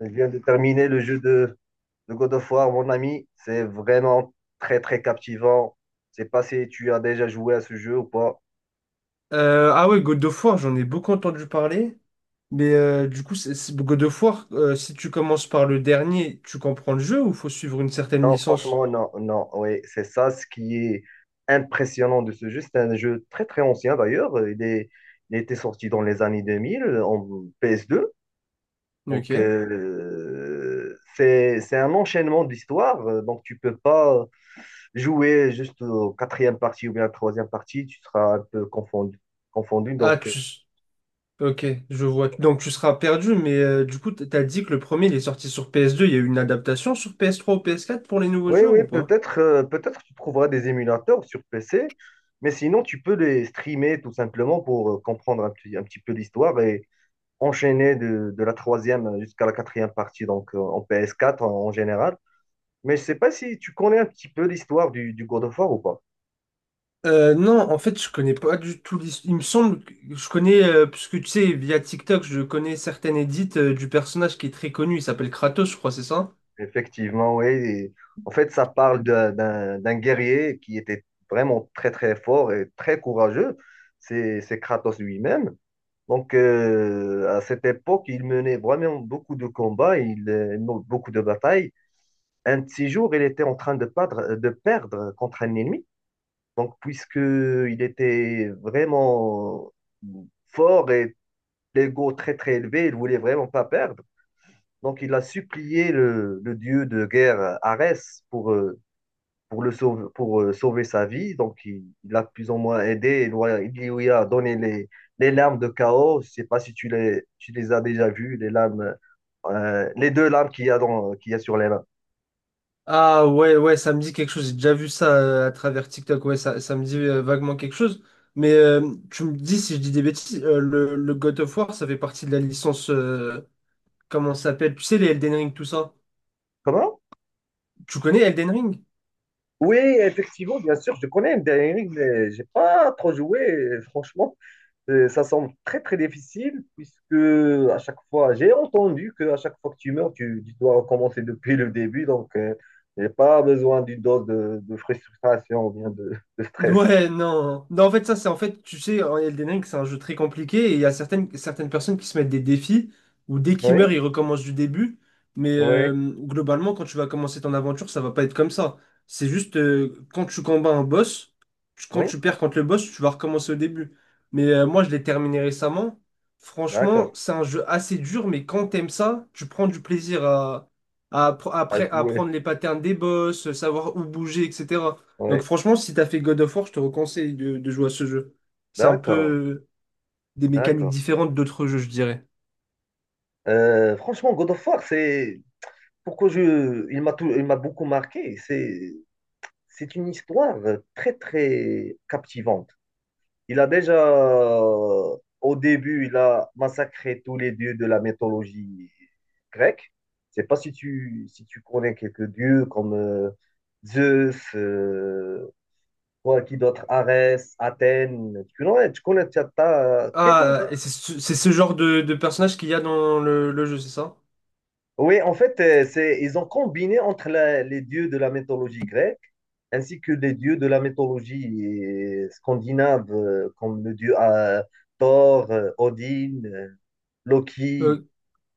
Je viens de terminer le jeu de God of War, mon ami. C'est vraiment très, très captivant. Je sais pas si tu as déjà joué à ce jeu ou pas. Ah ouais, God of War, j'en ai beaucoup entendu parler. Mais du coup, God of War, si tu commences par le dernier, tu comprends le jeu ou faut suivre une certaine Non, licence? franchement, non, non. Oui, c'est ça ce qui est impressionnant de ce jeu. C'est un jeu très, très ancien d'ailleurs. Il était sorti dans les années 2000 en PS2. Donc, Ok. C'est un enchaînement d'histoires. Donc, tu peux pas jouer juste au quatrième partie ou bien à la troisième partie. Tu seras un peu confondu. Ah, Donc. tu... Ok, je vois. Donc tu seras perdu, mais du coup, t'as dit que le premier, il est sorti sur PS2. Il y a eu une adaptation sur PS3 ou PS4 pour les nouveaux Oui, joueurs oui, ou pas? peut-être tu trouveras des émulateurs sur PC, mais sinon tu peux les streamer tout simplement pour comprendre un petit peu l'histoire et enchaîner de la troisième jusqu'à la quatrième partie, donc en PS4 en général. Mais je sais pas si tu connais un petit peu l'histoire du God of War ou pas. Non, en fait, je connais pas du tout l'histoire. Il me semble que je connais, parce que tu sais, via TikTok, je connais certaines edits du personnage qui est très connu. Il s'appelle Kratos, je crois, c'est ça? Effectivement, oui. En fait, ça parle d'un guerrier qui était vraiment très très fort et très courageux. C'est Kratos lui-même. Donc, à cette époque, il menait vraiment beaucoup de combats, beaucoup de batailles. Un de ces jours, il était en train de perdre contre un ennemi. Donc, puisqu'il était vraiment fort et l'ego très, très élevé, il voulait vraiment pas perdre. Donc, il a supplié le dieu de guerre, Arès, pour le sauver, pour sauver sa vie. Donc, il a plus ou moins aidé. Il lui a donné les lames de chaos. Je sais pas si tu les as déjà vues, les deux lames qu'il y a sur les mains. Ah ouais, ouais, ça me dit quelque chose. J'ai déjà vu ça à travers TikTok. Ouais, ça me dit vaguement quelque chose. Mais tu me dis si je dis des bêtises, le God of War, ça fait partie de la licence. Comment ça s'appelle? Tu sais, les Elden Ring, tout ça. Comment? Tu connais Elden Ring? Oui, effectivement, bien sûr, je connais Elden Ring, mais j'ai pas trop joué, franchement. Ça semble très très difficile puisque à chaque fois, j'ai entendu que à chaque fois que tu meurs, tu dois recommencer depuis le début. Donc, j'ai pas besoin d'une dose de frustration ou bien de stress. Ouais, non. Non, en fait, ça, c'est en fait, tu sais, en Elden Ring, c'est un jeu très compliqué et il y a certaines personnes qui se mettent des défis où dès qu'ils meurent, ils Oui, recommencent du début. Mais oui, globalement, quand tu vas commencer ton aventure, ça va pas être comme ça. C'est juste quand tu combats un boss, quand oui. tu perds contre le boss, tu vas recommencer au début. Mais moi, je l'ai terminé récemment. Franchement, D'accord. c'est un jeu assez dur, mais quand t'aimes ça, tu prends du plaisir à, À après, à jouer. apprendre les patterns des boss, savoir où bouger, etc. Donc Oui. franchement, si t'as fait God of War, je te reconseille de jouer à ce jeu. C'est un D'accord, peu des mécaniques d'accord. différentes d'autres jeux, je dirais. Franchement, God of War, c'est pourquoi je, il m'a tout- il m'a beaucoup marqué. C'est une histoire très très captivante. Il a déjà, au début, il a massacré tous les dieux de la mythologie grecque. Je sais pas si si tu connais quelques dieux comme Zeus, quoi, qui d'autre, Arès, Athènes. Tu connais, t'as quelqu'un, Ah, toi? et c'est ce genre de personnage qu'il y a dans le jeu, c'est ça? Oui, en fait, ils ont combiné entre les dieux de la mythologie grecque ainsi que les dieux de la mythologie scandinave, comme le dieu Thor, Odin, Loki. Euh,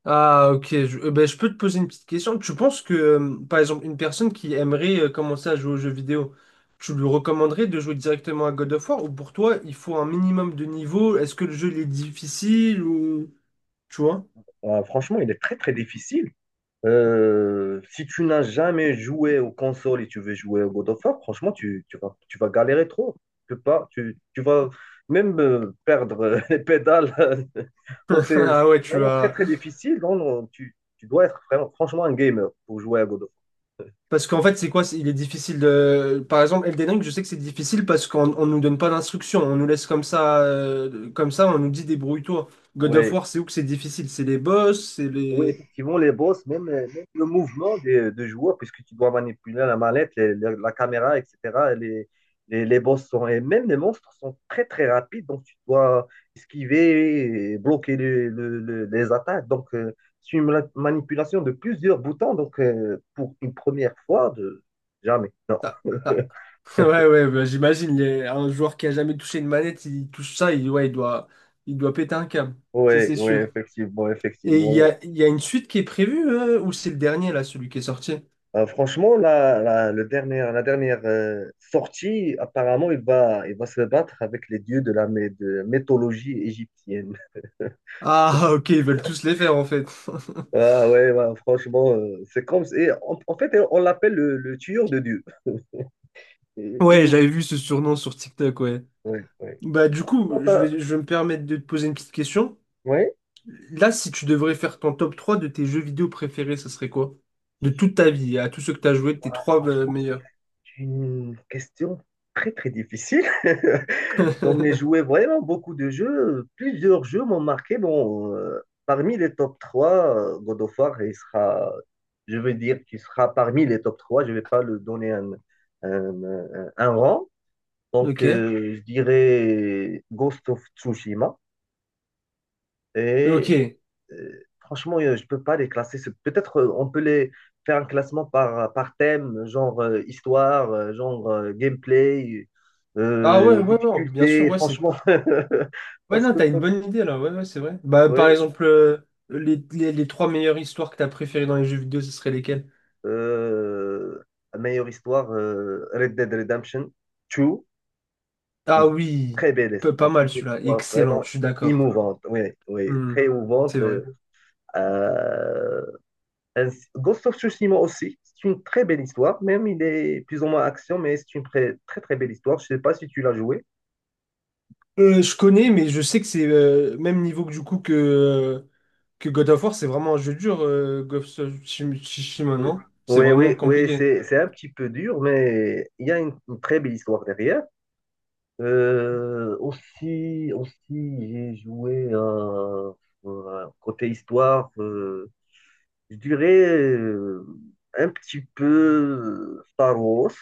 ok. Ben, je peux te poser une petite question. Tu penses que, par exemple, une personne qui aimerait commencer à jouer aux jeux vidéo, tu lui recommanderais de jouer directement à God of War ou pour toi, il faut un minimum de niveau? Est-ce que le jeu il est difficile ou... Tu vois? Franchement, il est très très difficile. Si tu n'as jamais joué aux consoles et tu veux jouer au God of War, franchement, tu vas galérer trop. Tu peux pas, tu vas même perdre les pédales. Donc, c'est Ah ouais, c'est tu vraiment très vas... très difficile. Donc, tu dois être franchement un gamer pour jouer à God of War. Parce qu'en fait, c'est quoi? Il est difficile de. Par exemple, Elden Ring, je sais que c'est difficile parce qu'on nous donne pas d'instructions. On nous laisse comme ça, on nous dit débrouille-toi. God of Oui, War, c'est où que c'est difficile? C'est les boss, c'est Oui, les. effectivement, les boss, même le mouvement des joueurs, puisque tu dois manipuler la mallette, la caméra, etc. Les, les boss sont, et même les monstres sont très très rapides, donc tu dois esquiver et bloquer les attaques. Donc, c'est une manipulation de plusieurs boutons, donc pour une première fois, de, jamais. Non. Ah, ah. Ouais, ouais, bah, j'imagine. Un joueur qui a jamais touché une manette, il touche ça, il, ouais, il doit péter un câble. Ça, Oui, c'est oui, sûr. effectivement, Et il effectivement. y a, il y a une suite qui est prévue, ou c'est le dernier, là, celui qui est sorti? Franchement, la dernière sortie, apparemment, il va se battre avec les dieux de mythologie égyptienne. Ah, ok, ils veulent tous les faire, en fait. Ah ouais, ouais, franchement, c'est comme si, et en fait, on l'appelle le tueur de dieux. Et- et Ouais, nous- j'avais vu ce surnom sur TikTok, ouais. Ouais, ouais. Bah, du coup, Sinon, je vais, je vais me permettre de te poser une petite question. ouais. Là, si tu devrais faire ton top 3 de tes jeux vidéo préférés, ça serait quoi? De toute ta vie, à tous ceux que tu as joué, tes Voilà, trois franchement, meilleurs. une question très très difficile. J'en ai joué vraiment beaucoup de jeux. Plusieurs jeux m'ont marqué. Bon, parmi les top 3 God of War, je veux dire qu'il sera parmi les top trois. Je ne vais pas le donner un, un rang. Donc, Ok. Je dirais Ghost of Tsushima et Ok. Franchement, je peux pas les classer. Peut-être on peut les faire un classement par, par thème, genre histoire, genre gameplay, Ah ouais, ouais, ouais, bien sûr, difficulté, ouais, c'est. franchement. Ouais, Parce non, que, t'as une bonne idée là, ouais, ouais, c'est vrai. Bah, par ouais, exemple, les trois meilleures histoires que t'as préférées dans les jeux vidéo, ce serait lesquelles? euh, meilleure histoire, Red Dead Redemption 2, Ah une oui, très belle pas histoire, mal une celui-là, histoire excellent, vraiment je suis d'accord. émouvante, oui, oui, Hmm, très c'est émouvante. vrai. euh, Euh, Ghost of Tsushima aussi, c'est une très belle histoire, même il est plus ou moins action, mais c'est une très très, très belle histoire. Je ne sais pas si tu l'as joué. Je connais, mais je sais que c'est même niveau que que God of War, c'est vraiment un jeu dur, Ghost of Tsushima, Tsushima, Oui, non? C'est oui, vraiment oui, oui, compliqué. c'est un petit peu dur, mais il y a une très belle histoire derrière. Aussi, j'ai joué côté histoire. Je dirais un petit peu Star Wars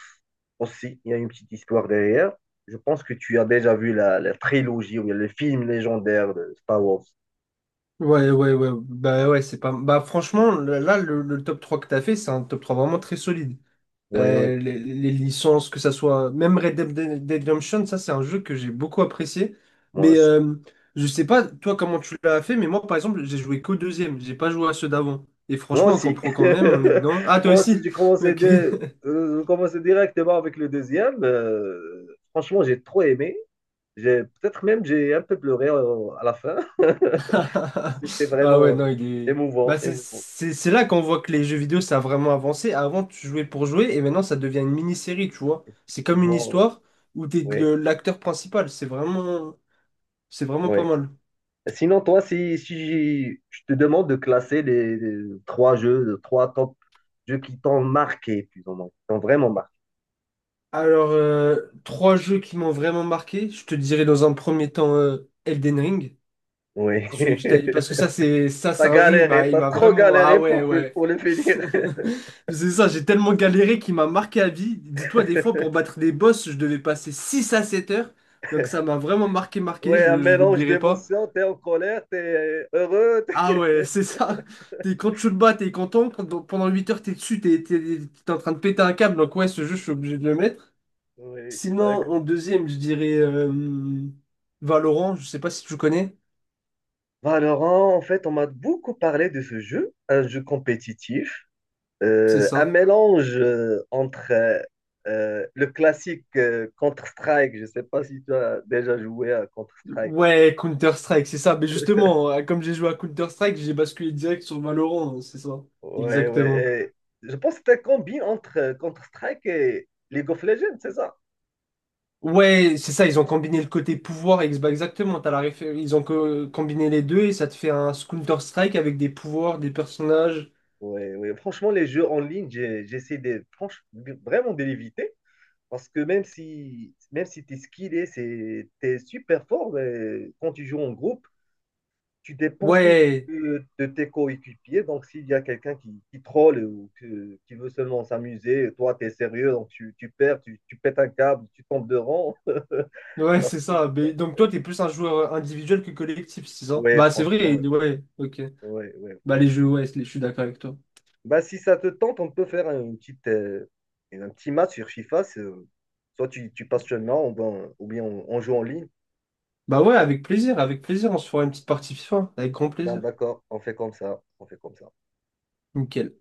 aussi. Il y a une petite histoire derrière. Je pense que tu as déjà vu la trilogie ou bien le film légendaire de Star Wars. Ouais, ouais, ouais. Bah ouais, c'est pas. Bah franchement, là, le top 3 que t'as fait, c'est un top 3 vraiment très solide. Oui, oui, les licences, que ça soit. Même Red Dead Redemption, ça, c'est un jeu que j'ai beaucoup apprécié. moi Mais aussi. Je sais pas, toi, comment tu l'as fait, mais moi, par exemple, j'ai joué qu'au deuxième. J'ai pas joué à ceux d'avant. Et Moi franchement, on aussi. comprend quand même, on est dedans. Ah, toi Moi aussi, aussi? Ok. J'ai commencé directement avec le deuxième. Franchement, j'ai trop aimé. Peut-être même j'ai un peu pleuré à la fin. C'était Ah vraiment ouais, non, il est. émouvant, Bah, émouvant. C'est là qu'on voit que les jeux vidéo, ça a vraiment avancé. Avant, tu jouais pour jouer et maintenant, ça devient une mini-série, tu vois. C'est comme une Effectivement, histoire où t'es oui, l'acteur principal. C'est vraiment oui. pas mal. Sinon, toi, si je te demande de classer les trois top jeux qui t'ont marqué, plus ou moins, qui t'ont vraiment marqué. Alors, trois jeux qui m'ont vraiment marqué. Je te dirais dans un premier temps Elden Ring. Oui. Celui que parce que ça, T'as c'est un jeu, il galéré, m'a il t'as m'a trop vraiment. Ah galéré ouais, pour, ouais. pour le finir. C'est ça, j'ai tellement galéré qu'il m'a marqué à vie. Dis-toi, des fois, pour battre des boss, je devais passer 6 à 7 heures. Donc ça m'a vraiment marqué, Oui, marqué, un je mélange l'oublierai pas. d'émotions, t'es en colère, t'es heureux. Ah ouais, c'est ça. T'es, quand tu le bats, t'es content. Quand- pendant 8 heures, t'es dessus, t'es en train de péter un câble. Donc ouais, ce jeu, je suis obligé de le mettre. Oui, Sinon, d'accord. en deuxième, je dirais Valorant, je sais pas si tu connais. Valorant, en fait, on m'a beaucoup parlé de ce jeu, un jeu compétitif. C'est Un ça. mélange entre le classique Counter-Strike, je ne sais pas si tu as déjà joué à Counter-Strike. Ouais, Counter-Strike, c'est ça. Mais justement, comme j'ai joué à Counter-Strike, j'ai basculé direct sur Valorant, hein, c'est ça. Ouais, Exactement. ouais. Et je pense que c'est un combi entre Counter-Strike et League of Legends, c'est ça? Ouais, c'est ça, ils ont combiné le côté pouvoir, bah, exactement, t'as ils ont combiné les deux et ça te fait un Counter-Strike avec des pouvoirs, des personnages. Ouais, ouais. Franchement, les jeux en ligne, j'essaie vraiment de l'éviter parce que même si tu es skillé, tu es super fort, mais quand tu joues en groupe, tu dépends toujours Ouais, de tes coéquipiers. Donc, s'il y a quelqu'un qui troll ou qui veut seulement s'amuser, toi, tu es sérieux, donc tu perds, tu pètes un câble, tu tombes de rang. ouais, Ça c'est ça. frustre. Mais, donc toi, t'es plus un joueur individuel que collectif, c'est ça? Ouais, Bah c'est franchement, vrai, ouais. ouais, ok. Ouais, ouais, Bah les franchement. jeux, ouais, je suis d'accord avec toi. Bah, si ça te tente, on peut faire un petit match sur FIFA. Soit tu passes chez moi, ou bien on joue en ligne. Bah ouais, avec plaisir, on se fera une petite partie FIFA, avec grand Bah, plaisir. d'accord, on fait comme ça. On fait comme ça. Nickel.